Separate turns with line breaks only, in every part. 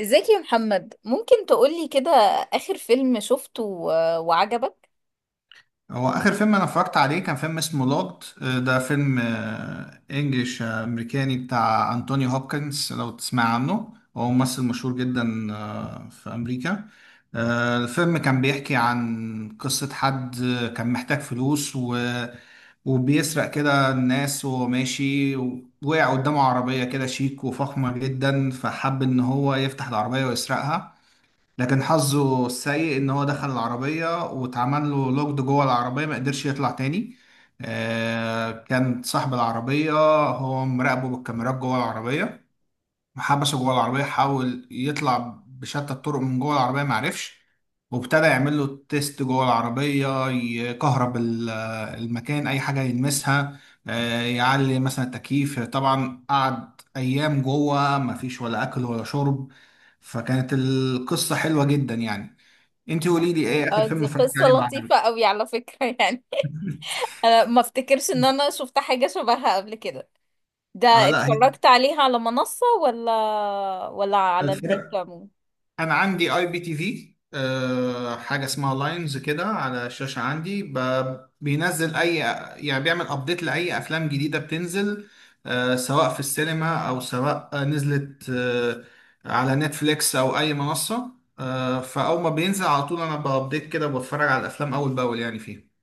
ازيك يا محمد؟ ممكن تقولي كده آخر فيلم شفته وعجبك؟
هو اخر فيلم انا اتفرجت عليه كان فيلم اسمه لوجد. ده فيلم انجليش، امريكاني بتاع انتوني هوبكنز. لو تسمع عنه، هو ممثل مشهور جدا في امريكا. الفيلم كان بيحكي عن قصة حد كان محتاج فلوس و وبيسرق كده الناس وهو ماشي. وقع قدامه عربية كده شيك وفخمة جدا، فحب ان هو يفتح العربية ويسرقها. لكن حظه السيء ان هو دخل العربية واتعمل له لوكد جوه العربية، ما قدرش يطلع تاني. كان صاحب العربية هو مراقبه بالكاميرات جوه العربية. حبسه جوه العربية، حاول يطلع بشتى الطرق من جوه العربية، معرفش. وابتدى يعمل له تيست جوه العربية، يكهرب المكان، أي حاجة يلمسها، يعلي مثلا التكييف. طبعا قعد أيام جوه، مفيش ولا أكل ولا شرب. فكانت القصة حلوة جدا يعني. انت قولي لي، ايه آخر فيلم
دي
اتفرجت
قصة
عليه
لطيفة
وعجبك؟
قوي على فكرة يعني انا ما افتكرش ان انا شفت حاجة شبهها قبل كده. ده
آه، لا.
اتفرجت عليها على منصة ولا ولا على النت
هي،
عموما؟
انا عندي IPTV، حاجه اسمها لاينز كده على الشاشه عندي، بينزل اي، يعني بيعمل ابديت لاي افلام جديده بتنزل، سواء في السينما او سواء نزلت على نتفليكس او اي منصه. فاول ما بينزل على طول انا بابديت كده وبتفرج على الافلام اول باول يعني فيه.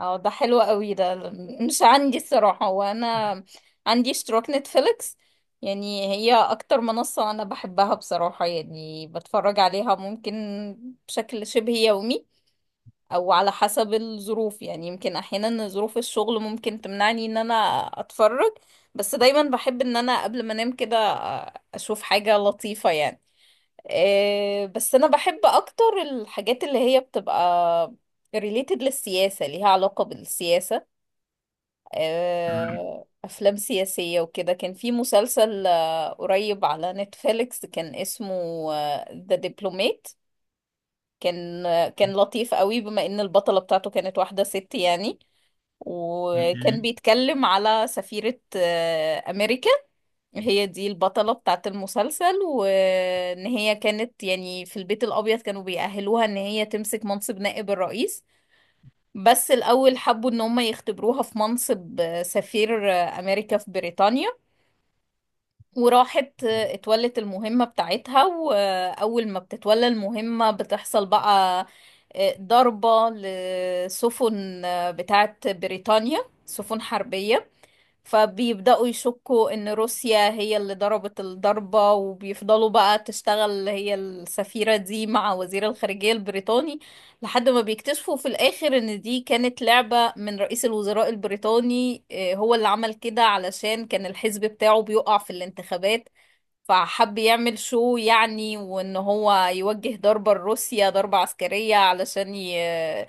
اه، ده حلو قوي ده. مش عندي الصراحة، وانا عندي اشتراك نتفليكس. يعني هي اكتر منصة انا بحبها بصراحة، يعني بتفرج عليها ممكن بشكل شبه يومي، او على حسب الظروف. يعني يمكن احيانا ظروف الشغل ممكن تمنعني ان انا اتفرج، بس دايما بحب ان انا قبل ما انام كده اشوف حاجة لطيفة يعني. بس انا بحب اكتر الحاجات اللي هي بتبقى related للسياسة، ليها علاقة بالسياسة.
تمام،
افلام سياسية وكده. كان في مسلسل قريب على نتفليكس، كان اسمه ذا دبلومات. كان كان لطيف قوي، بما ان البطلة بتاعته كانت واحدة ست يعني. وكان
اوكي.
بيتكلم على سفيرة أمريكا. هي دي البطلة بتاعت المسلسل، وإن هي كانت يعني في البيت الأبيض كانوا بيأهلوها إن هي تمسك منصب نائب الرئيس. بس الأول حبوا إن هم يختبروها في منصب سفير أمريكا في بريطانيا. وراحت اتولت المهمة بتاعتها، وأول ما بتتولى المهمة بتحصل بقى ضربة لسفن بتاعت بريطانيا، سفن حربية. فبيبدأوا يشكوا إن روسيا هي اللي ضربت الضربة، وبيفضلوا بقى تشتغل هي السفيرة دي مع وزير الخارجية البريطاني. لحد ما بيكتشفوا في الآخر إن دي كانت لعبة من رئيس الوزراء البريطاني، هو اللي عمل كده علشان كان الحزب بتاعه بيقع في الانتخابات. فحب يعمل شو يعني، وان هو يوجه ضربة لروسيا، ضربة عسكرية، علشان ي... آه،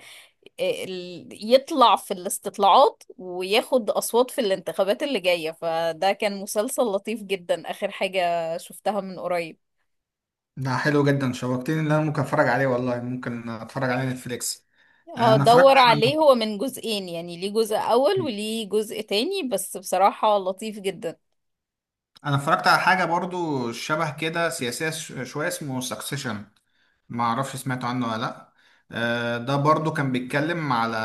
ال- يطلع في الاستطلاعات وياخد أصوات في الانتخابات اللي جاية. فده كان مسلسل لطيف جدا، آخر حاجة شفتها من قريب.
ده حلو جدا، شوقتني ان انا ممكن اتفرج عليه والله، ممكن اتفرج عليه نتفليكس. انا اتفرجت
هدور عليه،
على
هو من جزئين يعني، ليه جزء أول وليه جزء تاني، بس بصراحة لطيف جدا.
انا اتفرجت على حاجه برضو شبه كده سياسيه شويه، اسمه سكسيشن. ما اعرفش سمعت عنه ولا لا. ده برضو كان بيتكلم على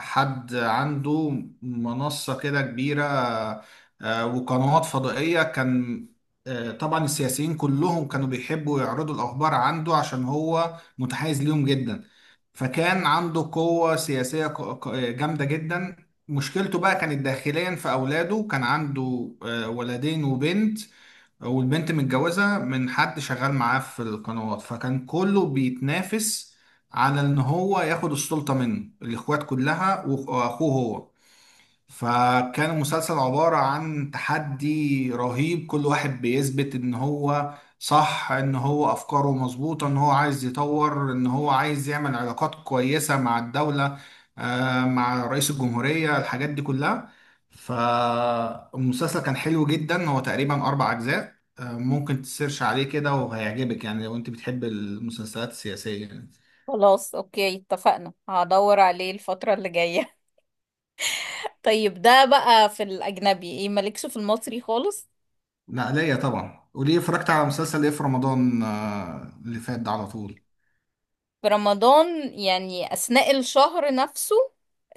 حد عنده منصه كده كبيره، وقنوات فضائيه كان. طبعا السياسيين كلهم كانوا بيحبوا يعرضوا الاخبار عنده عشان هو متحيز ليهم جدا. فكان عنده قوه سياسيه جامده جدا. مشكلته بقى كانت داخليا في اولاده، كان عنده ولدين وبنت. والبنت متجوزة من حد شغال معاه في القنوات، فكان كله بيتنافس على ان هو ياخد السلطة منه، الاخوات كلها واخوه هو. فكان المسلسل عبارة عن تحدي رهيب، كل واحد بيثبت ان هو صح، ان هو افكاره مظبوطة، ان هو عايز يطور، ان هو عايز يعمل علاقات كويسة مع الدولة، مع رئيس الجمهورية، الحاجات دي كلها. فالمسلسل كان حلو جدا، هو تقريبا اربع اجزاء، ممكن تسيرش عليه كده وهيعجبك يعني لو انت بتحب المسلسلات السياسية يعني.
خلاص أوكي، اتفقنا، هدور عليه الفترة اللي جاية. طيب ده بقى في الأجنبي، ايه مالكش في المصري خالص؟
لا، ليا طبعا، وليه اتفرجت على مسلسل ايه في رمضان اللي فات ده على طول.
في رمضان يعني أثناء الشهر نفسه؟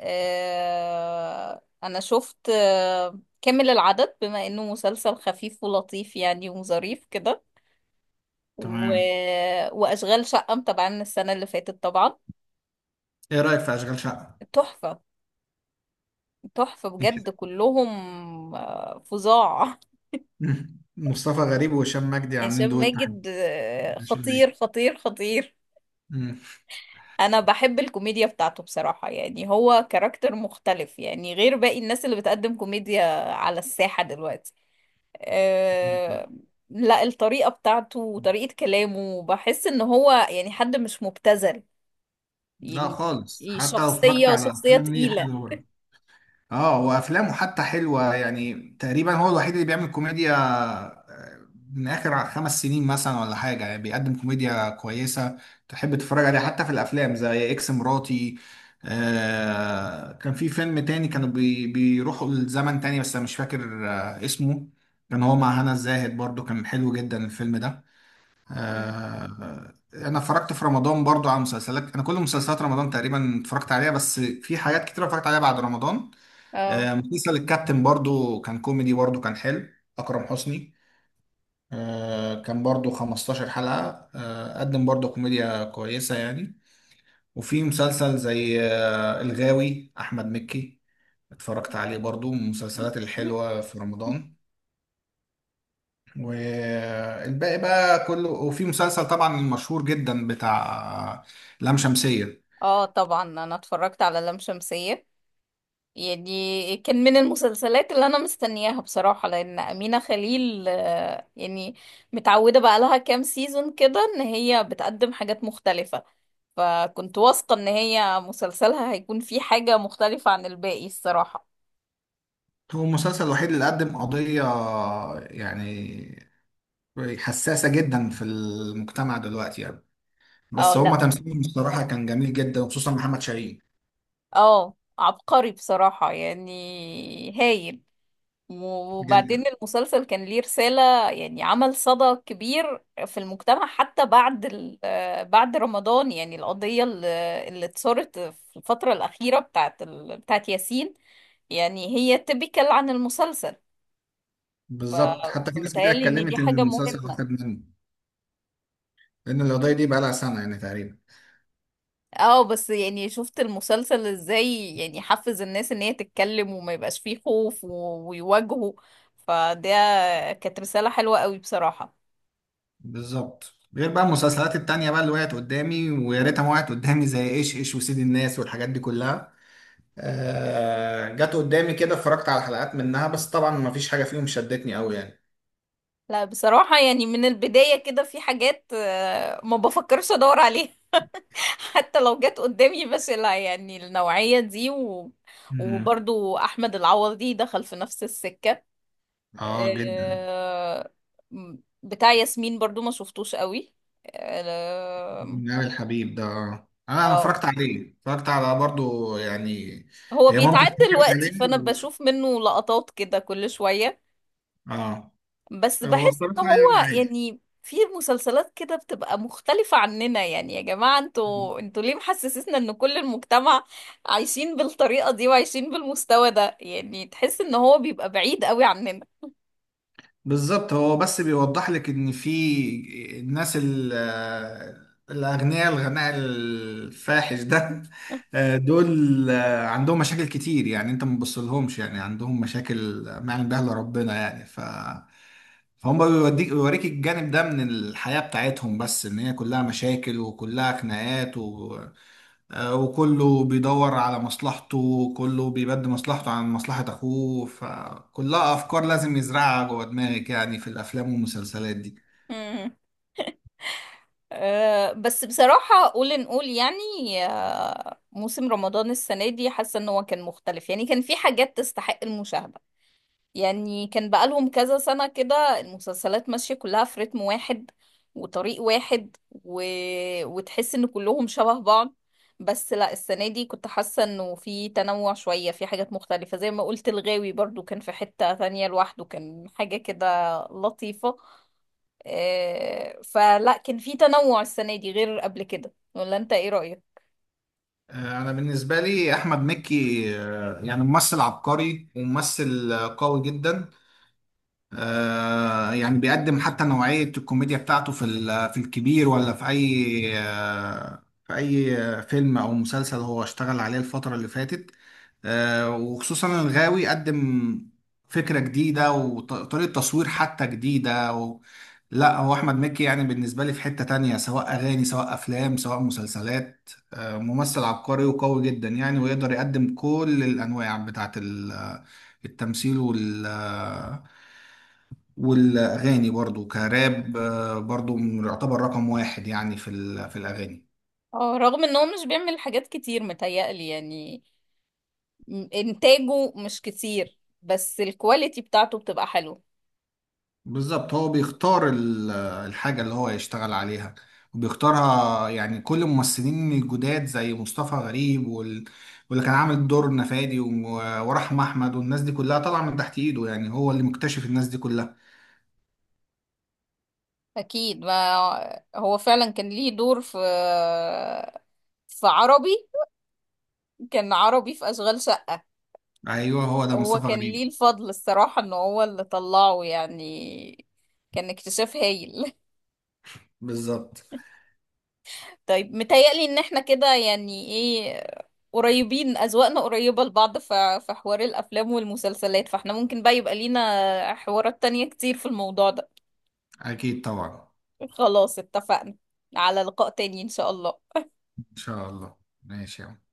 آه، أنا شفت آه كامل العدد بما إنه مسلسل خفيف ولطيف يعني وظريف كده و...
تمام.
وأشغال شقة متابعين السنة اللي فاتت طبعا.
ايه رأيك في اشغال شقة؟
تحفة، تحفة بجد كلهم، فظاع.
مم. مصطفى غريب وهشام مجدي عاملين
هشام
دويت تحت.
ماجد
هشام مجدي.
خطير خطير خطير.
مم.
انا بحب الكوميديا بتاعته بصراحة، يعني هو كاركتر مختلف يعني غير باقي الناس اللي بتقدم كوميديا على الساحة دلوقتي. أه... لا، الطريقة بتاعته وطريقة كلامه بحس ان هو يعني حد مش مبتذل
لا
يعني.
خالص، حتى لو اتفرجت
شخصية،
على
شخصية
الافلام دي
تقيلة.
حلوة برضه. اه، وافلامه حتى حلوه يعني. تقريبا هو الوحيد اللي بيعمل كوميديا آه، من اخر 5 سنين مثلا ولا حاجه، يعني بيقدم كوميديا كويسه تحب تتفرج عليها، حتى في الافلام زي اكس مراتي. كان في فيلم تاني كانوا بيروحوا لزمن تاني، بس انا مش فاكر اسمه. كان هو مع هنا الزاهد، برضو كان حلو جدا الفيلم ده.
مم.
انا اتفرجت في رمضان برضو على مسلسلات، انا كل مسلسلات رمضان تقريبا اتفرجت عليها، بس في حاجات كتير اتفرجت عليها بعد رمضان.
اه.
مسلسل الكابتن برضو كان كوميدي، برضو كان حلو. أكرم حسني، كان برضو 15 حلقة، قدم برضو كوميديا كويسة يعني. وفي مسلسل زي الغاوي، أحمد مكي، اتفرجت عليه برضو، من المسلسلات الحلوة في رمضان. والباقي بقى كله. وفي مسلسل طبعا المشهور جدا بتاع آه، لام شمسية.
اه طبعا، انا اتفرجت على لام شمسية. يعني كان من المسلسلات اللي انا مستنياها بصراحة، لان امينة خليل يعني متعودة بقى لها كام سيزون كده ان هي بتقدم حاجات مختلفة، فكنت واثقة ان هي مسلسلها هيكون فيه حاجة مختلفة عن الباقي الصراحة.
هو المسلسل الوحيد اللي قدم قضية يعني حساسة جدا في المجتمع دلوقتي يعني.
اه،
بس هما
لا،
تمثيلهم الصراحة كان جميل جدا، وخصوصا محمد شاهين.
اه عبقري بصراحة يعني، هايل.
جدا.
وبعدين المسلسل كان ليه رسالة، يعني عمل صدى كبير في المجتمع حتى بعد بعد رمضان، يعني القضية اللي اتثارت في الفترة الأخيرة بتاعت بتاعت ياسين، يعني هي تبكل عن المسلسل.
بالظبط، حتى في ناس كتير
فمتهيألي ان دي
اتكلمت ان
حاجة
المسلسل
مهمة.
واخد منه، لان القضية دي بقى لها سنة يعني تقريبا.
اه، بس يعني شفت المسلسل ازاي يعني حفز الناس ان هي تتكلم وما يبقاش فيه خوف ويواجهوا. فده كانت رسالة حلوة قوي بصراحة.
بالظبط، غير بقى المسلسلات التانية بقى اللي وقعت قدامي ويا ريتها ما وقعت قدامي، زي ايش ايش وسيد الناس والحاجات دي كلها. جت قدامي كده، اتفرجت على حلقات منها، بس طبعا ما فيش حاجة فيهم شدتني قوي يعني.
لا بصراحة يعني، من البداية كده في حاجات ما بفكرش ادور عليها. حتى لو جت قدامي، بس لا يعني النوعية دي
مم.
وبرضو احمد العوضي دخل في نفس السكة،
اه، جدا.
آه، بتاع ياسمين، برضو ما شفتوش قوي. آه،
من أوي الحبيب ده. آه. انا
آه،
اتفرجت عليه، اتفرجت على برضو يعني.
هو
هي مامتي
بيتعد
اتفرجت عليه.
دلوقتي فانا بشوف منه لقطات كده كل شوية.
اه.
بس
هو
بحس
الصراحة
ان
يعني
هو
عادي.
يعني في مسلسلات كده بتبقى مختلفة عننا. يعني يا جماعة، انتوا ليه محسسسنا ان كل المجتمع عايشين بالطريقة دي وعايشين بالمستوى ده؟ يعني تحس ان هو بيبقى بعيد قوي عننا.
بالظبط، هو بس بيوضح لك ان في الناس الاغنياء، الغناء الفاحش ده. دول عندهم مشاكل كتير، يعني انت ما تبصلهمش، يعني عندهم مشاكل ما يعلم بها الا ربنا يعني. فهم بيوريك الجانب ده من الحياة بتاعتهم، بس ان هي كلها مشاكل وكلها خناقات و... وكله بيدور على مصلحته، وكله بيبدي مصلحته عن مصلحة اخوه. فكلها افكار لازم يزرعها جوه دماغك، يعني في الافلام والمسلسلات دي.
مم. أه، بس بصراحة قول نقول يعني، موسم رمضان السنة دي حاسة ان هو كان مختلف، يعني كان في حاجات تستحق المشاهدة. يعني كان بقالهم كذا سنة كده المسلسلات ماشية كلها في رتم واحد وطريق واحد و... وتحس ان كلهم شبه بعض. بس لا، السنة دي كنت حاسة انه في تنوع شوية، في حاجات مختلفة، زي ما قلت الغاوي برضو كان في حتة ثانية لوحده، كان حاجة كده لطيفة. فلا كان في تنوع السنة دي غير قبل كده، ولا انت ايه رأيك؟
انا بالنسبة لي احمد مكي يعني ممثل عبقري وممثل قوي جدا. يعني بيقدم حتى نوعية الكوميديا بتاعته في في الكبير، ولا في أي آه، في أي فيلم أو مسلسل هو اشتغل عليه الفترة اللي فاتت. وخصوصا الغاوي، قدم فكرة جديدة وطريقة تصوير حتى جديدة و... لا، هو أحمد مكي يعني بالنسبة لي في حتة تانية، سواء أغاني سواء أفلام سواء مسلسلات، ممثل عبقري وقوي جدا يعني، ويقدر يقدم كل الأنواع بتاعت التمثيل وال... والأغاني برضو كراب، برضو يعتبر رقم واحد يعني في في الأغاني.
اه رغم ان هو مش بيعمل حاجات كتير متهيألي يعني، انتاجه مش كتير بس الكواليتي بتاعته بتبقى حلوه.
بالظبط، هو بيختار الحاجة اللي هو يشتغل عليها وبيختارها يعني. كل الممثلين الجداد زي مصطفى غريب وال... واللي كان عامل دور نفادي ورحمة أحمد والناس دي كلها طالعة من تحت إيده، يعني هو اللي مكتشف الناس دي كلها.
اكيد، ما هو فعلا كان ليه دور في في عربي، كان عربي في اشغال شقة.
أيوه، هو ده
هو
مصطفى
كان ليه
غريب.
الفضل الصراحة ان هو اللي طلعه يعني، كان اكتشاف هايل.
بالظبط.
طيب، متهيألي ان احنا كده يعني ايه، قريبين، اذواقنا قريبة لبعض في في حوار الافلام والمسلسلات، فاحنا ممكن بقى يبقى لينا حوارات تانية كتير في الموضوع ده.
أكيد طبعا.
خلاص اتفقنا، على لقاء تاني إن شاء الله.
إن شاء الله. ماشي يا عم.